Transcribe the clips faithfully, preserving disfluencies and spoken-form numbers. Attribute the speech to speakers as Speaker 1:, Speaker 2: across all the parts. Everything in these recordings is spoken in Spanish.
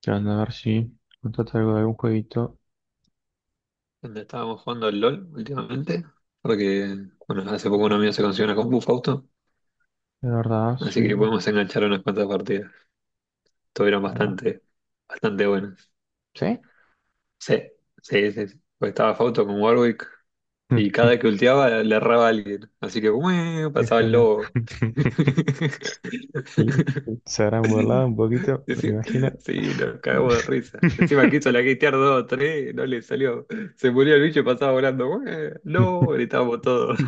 Speaker 1: ¿Qué onda? A ver si contrata algo de algún jueguito.
Speaker 2: Donde estábamos jugando al LOL últimamente, porque, bueno, hace poco un amigo se consiguió una compu Fausto,
Speaker 1: De verdad,
Speaker 2: así que
Speaker 1: sí.
Speaker 2: podemos enganchar unas cuantas partidas. Estuvieron
Speaker 1: Bueno,
Speaker 2: bastante, bastante buenas.
Speaker 1: ¿sí?
Speaker 2: Sí, sí, sí. sí. Pues estaba Fausto con Warwick y cada que ultiaba le erraba a alguien, así que ¡ué!
Speaker 1: Qué
Speaker 2: Pasaba el
Speaker 1: joda.
Speaker 2: lobo.
Speaker 1: Y, se habrán burlado un poquito, me
Speaker 2: Sí,
Speaker 1: imagino.
Speaker 2: sí, nos cagamos de risa. Encima quiso la gatear dos o tres, no le salió. Se murió el bicho y pasaba volando. ¡Ué! ¡No!
Speaker 1: Qué
Speaker 2: Gritábamos todos.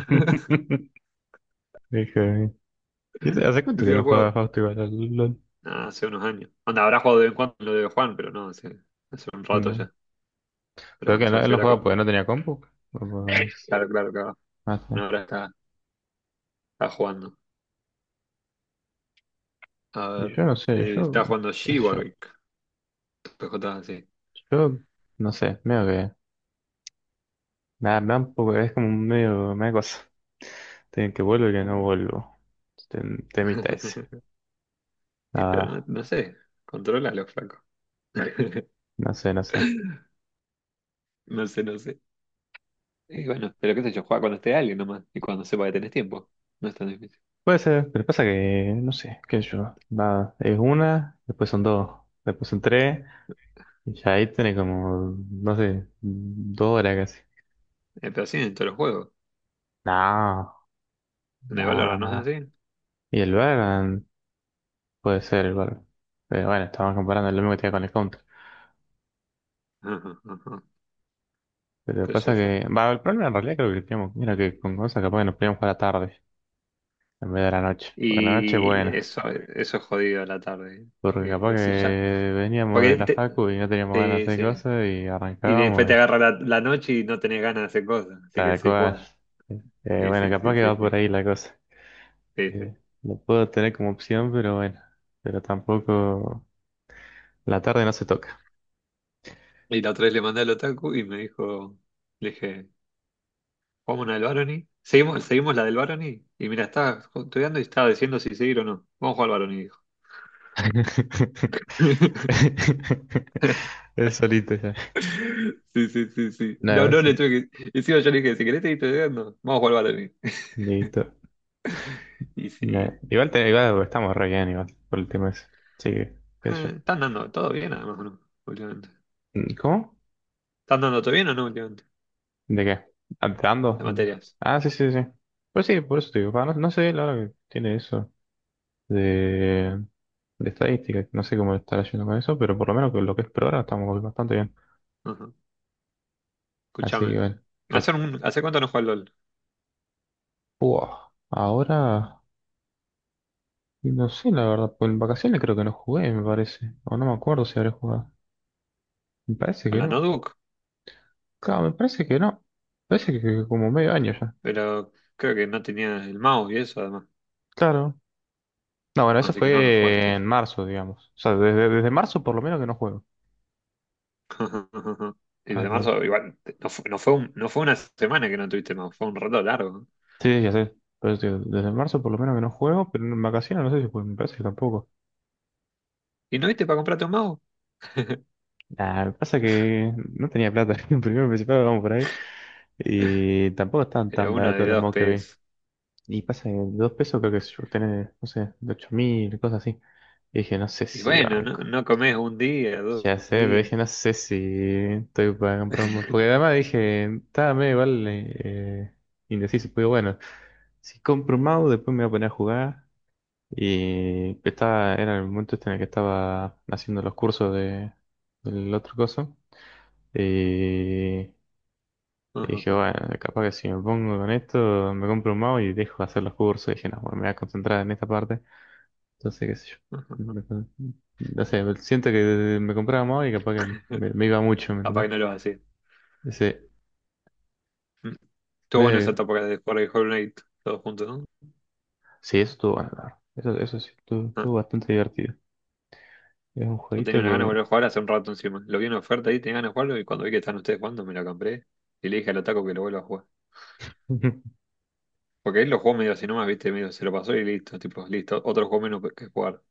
Speaker 1: joda. ¿Y ¿Hace hace cuánto que
Speaker 2: Decía,
Speaker 1: no jugaba Fausto igual al LOL?
Speaker 2: nada, hace unos años. Onda, habrá jugado de vez en cuando lo de Juan, pero no, hace, hace un rato
Speaker 1: No.
Speaker 2: ya. Pero
Speaker 1: Creo
Speaker 2: bueno,
Speaker 1: que
Speaker 2: se
Speaker 1: no- él
Speaker 2: consiguió
Speaker 1: no
Speaker 2: la
Speaker 1: jugaba porque
Speaker 2: combo.
Speaker 1: no tenía compu. O por-
Speaker 2: Claro, claro, claro.
Speaker 1: no
Speaker 2: Bueno,
Speaker 1: sé.
Speaker 2: ahora está, está jugando. A
Speaker 1: Y
Speaker 2: ver.
Speaker 1: yo no sé,
Speaker 2: Eh,
Speaker 1: yo,
Speaker 2: está jugando
Speaker 1: qué
Speaker 2: G
Speaker 1: sé yo,
Speaker 2: Warwick. P J, sí.
Speaker 1: yo no sé, medio que nada, tampoco, es como un medio, media cosa. Tienen que vuelvo y que no vuelvo. Tem- Temita ese.
Speaker 2: Y
Speaker 1: La
Speaker 2: pero no,
Speaker 1: verdad,
Speaker 2: no sé. Controla los flacos.
Speaker 1: no sé, no sé.
Speaker 2: No sé, no sé. Y bueno, pero qué sé yo, juega cuando esté alguien nomás, y cuando sepa que tenés tiempo. No es tan difícil.
Speaker 1: Puede ser, pero pasa que, no sé, qué sé yo. Va, es una, después son dos, después son tres, y ya ahí tenés como, no sé, dos horas casi.
Speaker 2: Eh, pero así en todos los juegos.
Speaker 1: No,
Speaker 2: En el
Speaker 1: no,
Speaker 2: Valorant no es
Speaker 1: no.
Speaker 2: así.
Speaker 1: Y el Valorant puede ser el Valorant. Pero bueno, estamos comparando lo mismo que tenía con el Counter.
Speaker 2: Ajá, ajá.
Speaker 1: Pero
Speaker 2: Qué sé
Speaker 1: pasa
Speaker 2: yo.
Speaker 1: que, va, el problema en realidad creo que teníamos, mira que con cosas capaz que nos podíamos jugar a la tarde. En vez de la noche. Porque la noche,
Speaker 2: Y
Speaker 1: bueno.
Speaker 2: eso, eso es jodido a la tarde.
Speaker 1: Porque
Speaker 2: Porque,
Speaker 1: capaz
Speaker 2: decís, ya,
Speaker 1: que veníamos
Speaker 2: porque
Speaker 1: de la
Speaker 2: te-
Speaker 1: facu y no teníamos ganas
Speaker 2: te-
Speaker 1: de hacer
Speaker 2: sí.
Speaker 1: cosas y
Speaker 2: Y después
Speaker 1: arrancábamos
Speaker 2: te
Speaker 1: y
Speaker 2: agarra la, la noche y no tenés ganas de hacer cosas. Así que
Speaker 1: tal
Speaker 2: decís,
Speaker 1: cual.
Speaker 2: Juan.
Speaker 1: Eh,
Speaker 2: Y
Speaker 1: bueno,
Speaker 2: sí,
Speaker 1: capaz
Speaker 2: sí,
Speaker 1: que
Speaker 2: sí,
Speaker 1: va por
Speaker 2: sí,
Speaker 1: ahí la cosa.
Speaker 2: sí, sí.
Speaker 1: Eh, lo puedo tener como opción, pero bueno. Pero tampoco. La tarde no se toca.
Speaker 2: Y la otra vez le mandé al otaku y me dijo, le dije, ¿vamos una del Barony? ¿Seguimos, seguimos la del Barony? Y mira, estaba estudiando y estaba diciendo si seguir o no. Vamos a jugar al Barony, dijo.
Speaker 1: Es solito ya.
Speaker 2: Sí, sí, sí, sí.
Speaker 1: Nada, a
Speaker 2: No,
Speaker 1: ver
Speaker 2: no
Speaker 1: si.
Speaker 2: le tuve que. Encima yo le dije, si querés seguir estudiando, vamos a jugar al Barony.
Speaker 1: Listo.
Speaker 2: Y
Speaker 1: Nah,
Speaker 2: sí.
Speaker 1: igual, te- igual estamos re bien, igual, por el tema ese. Sí, qué
Speaker 2: Eh,
Speaker 1: sé
Speaker 2: ¿están dando todo bien, además, o no? Últimamente.
Speaker 1: yo. Mm, ¿cómo?
Speaker 2: ¿Están dando todo bien o no últimamente?
Speaker 1: ¿De qué? ¿Ando?
Speaker 2: De materias.
Speaker 1: Ah, sí, sí, sí. Pues sí, por eso te digo, pa, no, no sé la hora que tiene eso de, de, estadística, no sé cómo estará yendo con eso, pero por lo menos con lo que es por ahora estamos bastante bien.
Speaker 2: Ajá.
Speaker 1: Así que
Speaker 2: Escúchame.
Speaker 1: bueno, que,
Speaker 2: ¿Hace, un- Hace cuánto no juego al LOL?
Speaker 1: buah, ahora no sé la verdad, pues en vacaciones creo que no jugué, me parece, o no me acuerdo si habré jugado. Me parece
Speaker 2: Con
Speaker 1: que
Speaker 2: la
Speaker 1: no.
Speaker 2: notebook,
Speaker 1: Claro, me parece que no. Me parece que, que como medio año ya.
Speaker 2: pero creo que no tenía el mouse y eso, además.
Speaker 1: Claro. No, bueno, eso
Speaker 2: Así que no, no jugaste.
Speaker 1: fue en marzo, digamos. O sea, desde, desde marzo por lo menos que no juego.
Speaker 2: Y
Speaker 1: Ah,
Speaker 2: desde
Speaker 1: lol.
Speaker 2: marzo, igual, no fue, no fue, un- no fue una semana que no tuviste mouse, fue un rato largo.
Speaker 1: Sí, ya sé. Pero te digo, desde marzo por lo menos que no juego, pero en vacaciones no sé si juego, me parece que tampoco.
Speaker 2: ¿Y no viste para comprarte un mouse?
Speaker 1: Nah, me pasa que no tenía plata. Primero y principal vamos por ahí. Y tampoco estaban
Speaker 2: Era
Speaker 1: tan
Speaker 2: uno de
Speaker 1: baratos los
Speaker 2: dos
Speaker 1: mods que vi.
Speaker 2: P S.
Speaker 1: Y pasa que dos pesos creo que yo tenía, no sé, de ocho mil, cosas así. Y dije, no sé
Speaker 2: Y
Speaker 1: si
Speaker 2: bueno, no,
Speaker 1: banco.
Speaker 2: no comes un día, dos
Speaker 1: Ya sé, pero
Speaker 2: días.
Speaker 1: dije, no sé si estoy para comprar un mod. Porque además dije, estaba medio igual eh, indeciso. Pero bueno, si compro un mouse, después me voy a poner a jugar. Y estaba, era el momento este en el que estaba haciendo los cursos de, del otro coso. Y, y dije,
Speaker 2: Capaz
Speaker 1: bueno, capaz que si me pongo con esto, me compro un mouse y dejo de hacer los cursos. Y dije, no, bueno, me voy a concentrar en esta parte. Entonces, qué sé yo. Me con- No sé, siento que me compraba un mouse y capaz que me, me iba mucho, ¿me entendés?
Speaker 2: que no lo hacía.
Speaker 1: Ese,
Speaker 2: Estuvo bueno
Speaker 1: me-
Speaker 2: esa etapa de jugar de Hollow Knight todos juntos, ¿no?
Speaker 1: sí, eso estuvo bueno, la verdad. Eso, eso sí, estuvo,
Speaker 2: Ah,
Speaker 1: estuvo bastante divertido. Es un
Speaker 2: yo tenía
Speaker 1: jueguito
Speaker 2: una gana de
Speaker 1: que...
Speaker 2: volver a jugar hace un rato encima. Lo vi en oferta ahí, tenía ganas de jugarlo y cuando vi que están ustedes jugando me lo compré y le dije al Otaku que lo vuelva a jugar. Porque él lo jugó medio así nomás, viste, medio se lo pasó y listo, tipo, listo, otro juego menos que jugar.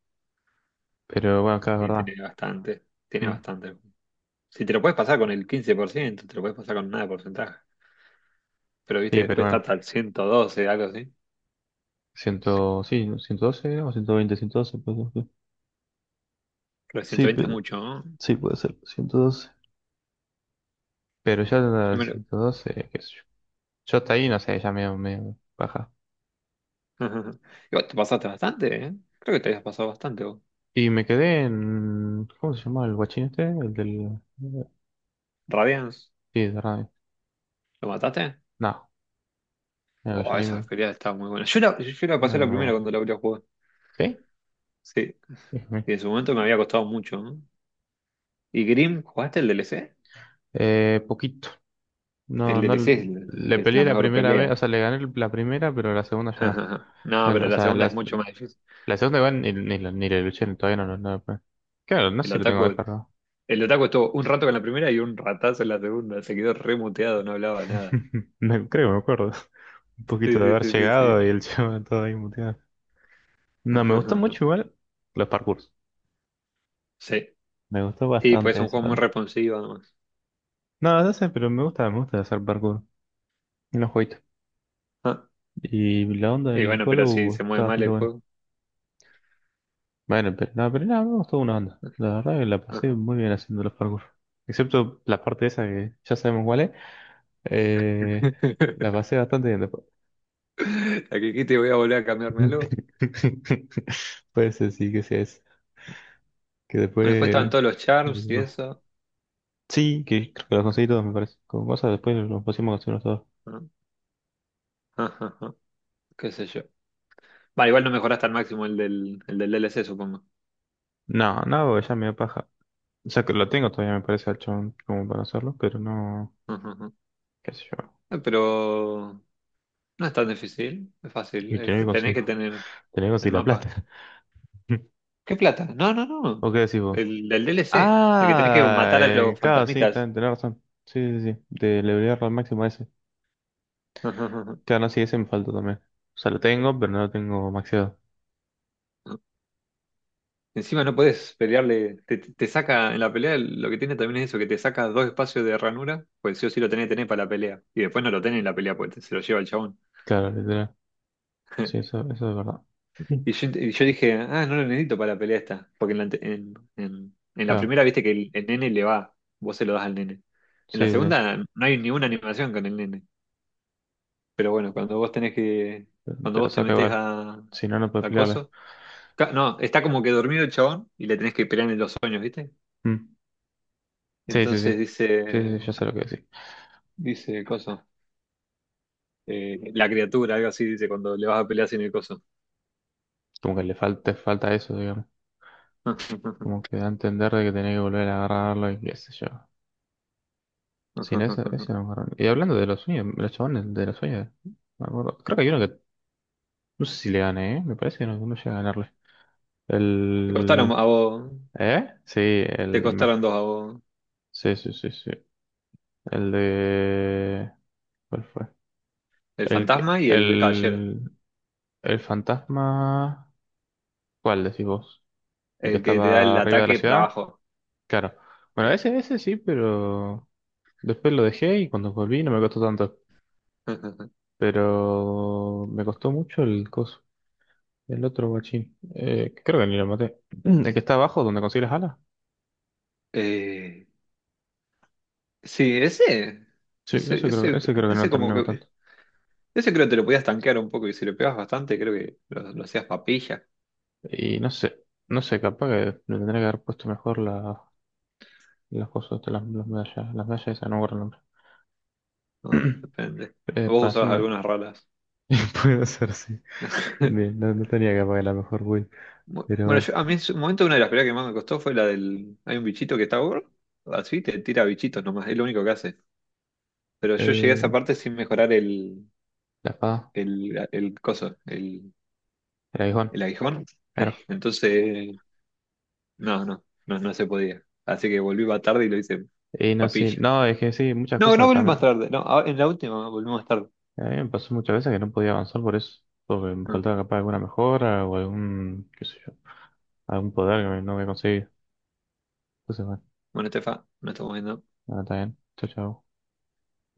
Speaker 1: Pero bueno, claro, es
Speaker 2: Y
Speaker 1: verdad.
Speaker 2: tiene bastante, tiene
Speaker 1: Mm.
Speaker 2: bastante. Si te lo puedes pasar con el quince por ciento te lo puedes pasar con nada de porcentaje. Pero viste,
Speaker 1: Sí, pero
Speaker 2: después está
Speaker 1: bueno.
Speaker 2: hasta el ciento doce algo así.
Speaker 1: Ciento, sí, ¿no? Ciento doce era, o ciento 112, pues, sí.
Speaker 2: Pero el
Speaker 1: Sí,
Speaker 2: ciento veinte es
Speaker 1: pero
Speaker 2: mucho, ¿no?
Speaker 1: sí puede ser, ciento doce. Pero ya
Speaker 2: Yo
Speaker 1: el
Speaker 2: me lo...
Speaker 1: ciento doce, qué sé yo. Yo hasta ahí, no sé, ya me, me baja.
Speaker 2: Y vos te pasaste bastante, ¿eh? Creo que te habías pasado bastante vos.
Speaker 1: Y me quedé en, ¿cómo se llama el guachín este? El del,
Speaker 2: Radiance,
Speaker 1: sí, de radio.
Speaker 2: ¿lo mataste?
Speaker 1: No, mira que
Speaker 2: Oh,
Speaker 1: yo ahí
Speaker 2: esa
Speaker 1: me,
Speaker 2: feria estaba muy buena. Yo la, yo la
Speaker 1: mira
Speaker 2: pasé
Speaker 1: que
Speaker 2: la
Speaker 1: me
Speaker 2: primera
Speaker 1: borro.
Speaker 2: cuando la abrí a jugar.
Speaker 1: ¿Sí?
Speaker 2: Sí.
Speaker 1: Ujú.
Speaker 2: Y en su momento me había costado mucho, ¿no? ¿Y Grimm, jugaste el D L C?
Speaker 1: Eh, poquito.
Speaker 2: El
Speaker 1: No, no,
Speaker 2: D L C es,
Speaker 1: le
Speaker 2: es la
Speaker 1: peleé la
Speaker 2: mejor
Speaker 1: primera vez,
Speaker 2: pelea.
Speaker 1: o sea, le gané la primera, pero la segunda ya no.
Speaker 2: No,
Speaker 1: No, no,
Speaker 2: pero
Speaker 1: o
Speaker 2: la
Speaker 1: sea,
Speaker 2: segunda es
Speaker 1: las
Speaker 2: mucho más difícil.
Speaker 1: La segunda igual ni, ni, la ni la luché, todavía no, no, no. Claro, no
Speaker 2: El
Speaker 1: sé si lo tengo
Speaker 2: Otaku,
Speaker 1: descargado.
Speaker 2: el Otaku estuvo un rato con la primera y un ratazo en la segunda. Se quedó remuteado, no hablaba nada.
Speaker 1: Me- creo que me acuerdo. Un
Speaker 2: Sí,
Speaker 1: poquito de
Speaker 2: sí,
Speaker 1: haber
Speaker 2: sí, sí, sí.
Speaker 1: llegado y el chaval todo ahí muteado. No, me gustó mucho igual los parkours.
Speaker 2: Sí,
Speaker 1: Me gustó
Speaker 2: sí, pues es
Speaker 1: bastante
Speaker 2: un
Speaker 1: ese
Speaker 2: juego muy
Speaker 1: pato.
Speaker 2: responsivo además.
Speaker 1: No, no sé, pero me gusta, me gusta hacer parkour en los jueguitos.
Speaker 2: Ah,
Speaker 1: Y la onda
Speaker 2: y
Speaker 1: del
Speaker 2: bueno, pero si
Speaker 1: Hollow
Speaker 2: se
Speaker 1: está
Speaker 2: mueve mal
Speaker 1: bastante
Speaker 2: el
Speaker 1: buena.
Speaker 2: juego.
Speaker 1: Bueno, pero no, pero nada, me gustó una onda. La verdad que la pasé
Speaker 2: Ajá.
Speaker 1: muy bien haciendo los parkour. Excepto la parte esa que ya sabemos cuál es. Eh, la pasé bastante bien después.
Speaker 2: La que dijiste voy a volver a cambiarme algo.
Speaker 1: Puede ser, sí, que sea eso. Que
Speaker 2: Bueno, después estaban
Speaker 1: después.
Speaker 2: todos los charms y eso.
Speaker 1: Sí, que creo que los conseguí todos, me parece. Como cosa, después los pusimos a conseguirlos todos.
Speaker 2: Ah, ajá, ajá, qué sé yo. Vale, igual no mejoraste al máximo el del, el del D L C, supongo.
Speaker 1: No, no, porque ya me da paja. O sea, que lo tengo todavía, me parece, al chabón, como para hacerlo, pero no.
Speaker 2: Ajá, ajá.
Speaker 1: ¿Qué sé yo?
Speaker 2: Eh, Pero no es tan difícil, es fácil.
Speaker 1: Y
Speaker 2: Eh,
Speaker 1: tener que
Speaker 2: te- Tenés
Speaker 1: conseguir,
Speaker 2: que tener
Speaker 1: tener que
Speaker 2: el
Speaker 1: conseguir la
Speaker 2: mapa.
Speaker 1: plata.
Speaker 2: ¿Qué plata? No, no, no.
Speaker 1: ¿O qué decís vos?
Speaker 2: El del D L C, el que tenés que
Speaker 1: Ah,
Speaker 2: matar a
Speaker 1: el
Speaker 2: los
Speaker 1: claro, sí,
Speaker 2: fantasmitas.
Speaker 1: ten- tenés razón. Sí, sí, sí. De elevarlo al máximo a ese.
Speaker 2: Ajá, ajá, ajá.
Speaker 1: Claro, no, sí, ese me falta también. O sea, lo tengo, pero no lo tengo maxeado.
Speaker 2: Encima no podés pelearle, te, te- te saca en la pelea, lo que tiene también es eso, que te saca dos espacios de ranura, pues sí o sí lo tenés que tener para la pelea. Y después no lo tenés en la pelea, pues te- se lo lleva el chabón.
Speaker 1: Claro, literal. Sí, eso, eso es verdad. Ujú.
Speaker 2: Y yo, y yo dije, ah, no lo necesito para la pelea esta. Porque en la, ante- en, en- en la
Speaker 1: Claro,
Speaker 2: primera viste que el, el nene le va, vos se lo das al nene. En
Speaker 1: sí,
Speaker 2: la
Speaker 1: sí, sí.
Speaker 2: segunda no hay ninguna animación con el nene. Pero bueno, cuando vos tenés que.
Speaker 1: Te
Speaker 2: Cuando
Speaker 1: te lo
Speaker 2: vos te
Speaker 1: saca
Speaker 2: metés
Speaker 1: igual.
Speaker 2: a.
Speaker 1: Si no, no puedes
Speaker 2: A
Speaker 1: pelearle.
Speaker 2: coso. ca- No, está como que dormido el chabón y le tenés que pelear en los sueños, ¿viste?
Speaker 1: Mm. Sí, sí, sí.
Speaker 2: Entonces
Speaker 1: Sí,
Speaker 2: dice.
Speaker 1: sí, sí, ya sé lo que decís.
Speaker 2: Dice coso. Eh, la criatura, algo así, dice cuando le vas a pelear sin el coso.
Speaker 1: Como que le falta, falta eso, digamos. Como que da a entender de que tenés que volver a agarrarlo y qué sé yo. Sin eso, eso no agarran. Y hablando de los sueños, los chabones de los sueños, me acuerdo. Creo que hay uno que, no sé si le gané, ¿eh? Me parece que no, no llega a ganarle.
Speaker 2: Te costaron
Speaker 1: El...
Speaker 2: a vos.
Speaker 1: ¿Eh? Sí,
Speaker 2: Te
Speaker 1: el... me-
Speaker 2: costaron dos a vos.
Speaker 1: Sí, sí, sí, sí. El de... ¿Cuál fue?
Speaker 2: El
Speaker 1: El, que-
Speaker 2: fantasma y el caballero,
Speaker 1: el, el fantasma, ¿cuál decís vos? ¿El que
Speaker 2: el que te da el
Speaker 1: estaba arriba de la
Speaker 2: ataque para
Speaker 1: ciudad?
Speaker 2: abajo.
Speaker 1: Claro. Bueno,
Speaker 2: Sí,
Speaker 1: ese, ese sí, pero después lo dejé y cuando volví no me costó tanto. Pero me costó mucho el coso, el otro guachín. Eh, creo que ni lo maté. Mm, El que está abajo, donde consigue las alas.
Speaker 2: eh, sí, ese,
Speaker 1: Sí, ese
Speaker 2: ese,
Speaker 1: creo,
Speaker 2: ese,
Speaker 1: ese creo que no lo
Speaker 2: ese como
Speaker 1: terminé
Speaker 2: que,
Speaker 1: matando.
Speaker 2: ese creo que te lo podías tanquear un poco y si lo pegabas bastante creo que lo, lo hacías papilla,
Speaker 1: Y no sé, no sé, capaz que le tendría que haber puesto mejor la, las cosas, estas, las, las medallas, las medallas, esas, no me acuerdo el nombre.
Speaker 2: ¿no? Depende.
Speaker 1: Eh,
Speaker 2: Vos
Speaker 1: para
Speaker 2: usabas
Speaker 1: hacerme-
Speaker 2: algunas raras.
Speaker 1: Puede ser, sí. Bien, no, no tenía que pagar la mejor build.
Speaker 2: Bu-
Speaker 1: Pero
Speaker 2: Bueno,
Speaker 1: bueno.
Speaker 2: yo- a mí en su momento una de las peleas que más me costó fue la del... Hay un bichito que está gordo, así te tira bichitos nomás, es lo único que hace. Pero yo llegué a esa
Speaker 1: Eh,
Speaker 2: parte sin mejorar el,
Speaker 1: la espada.
Speaker 2: el, el coso, el
Speaker 1: El aguijón.
Speaker 2: el aguijón.
Speaker 1: Claro.
Speaker 2: Entonces, no, no, no, no se podía. Así que volví más tarde y lo hice
Speaker 1: Y no, sí.
Speaker 2: papilla.
Speaker 1: No, es que sí, muchas
Speaker 2: No, no
Speaker 1: cosas
Speaker 2: volví más
Speaker 1: también.
Speaker 2: tarde, no, ahora- en la última volví más tarde.
Speaker 1: A mí me pasó muchas veces que no podía avanzar por eso. Porque me
Speaker 2: Ah,
Speaker 1: faltaba capaz alguna mejora o algún, qué sé yo, algún poder que no había conseguido. Entonces, bueno,
Speaker 2: bueno, Estefa, nos estamos viendo.
Speaker 1: nada, está bien. Chao, chao.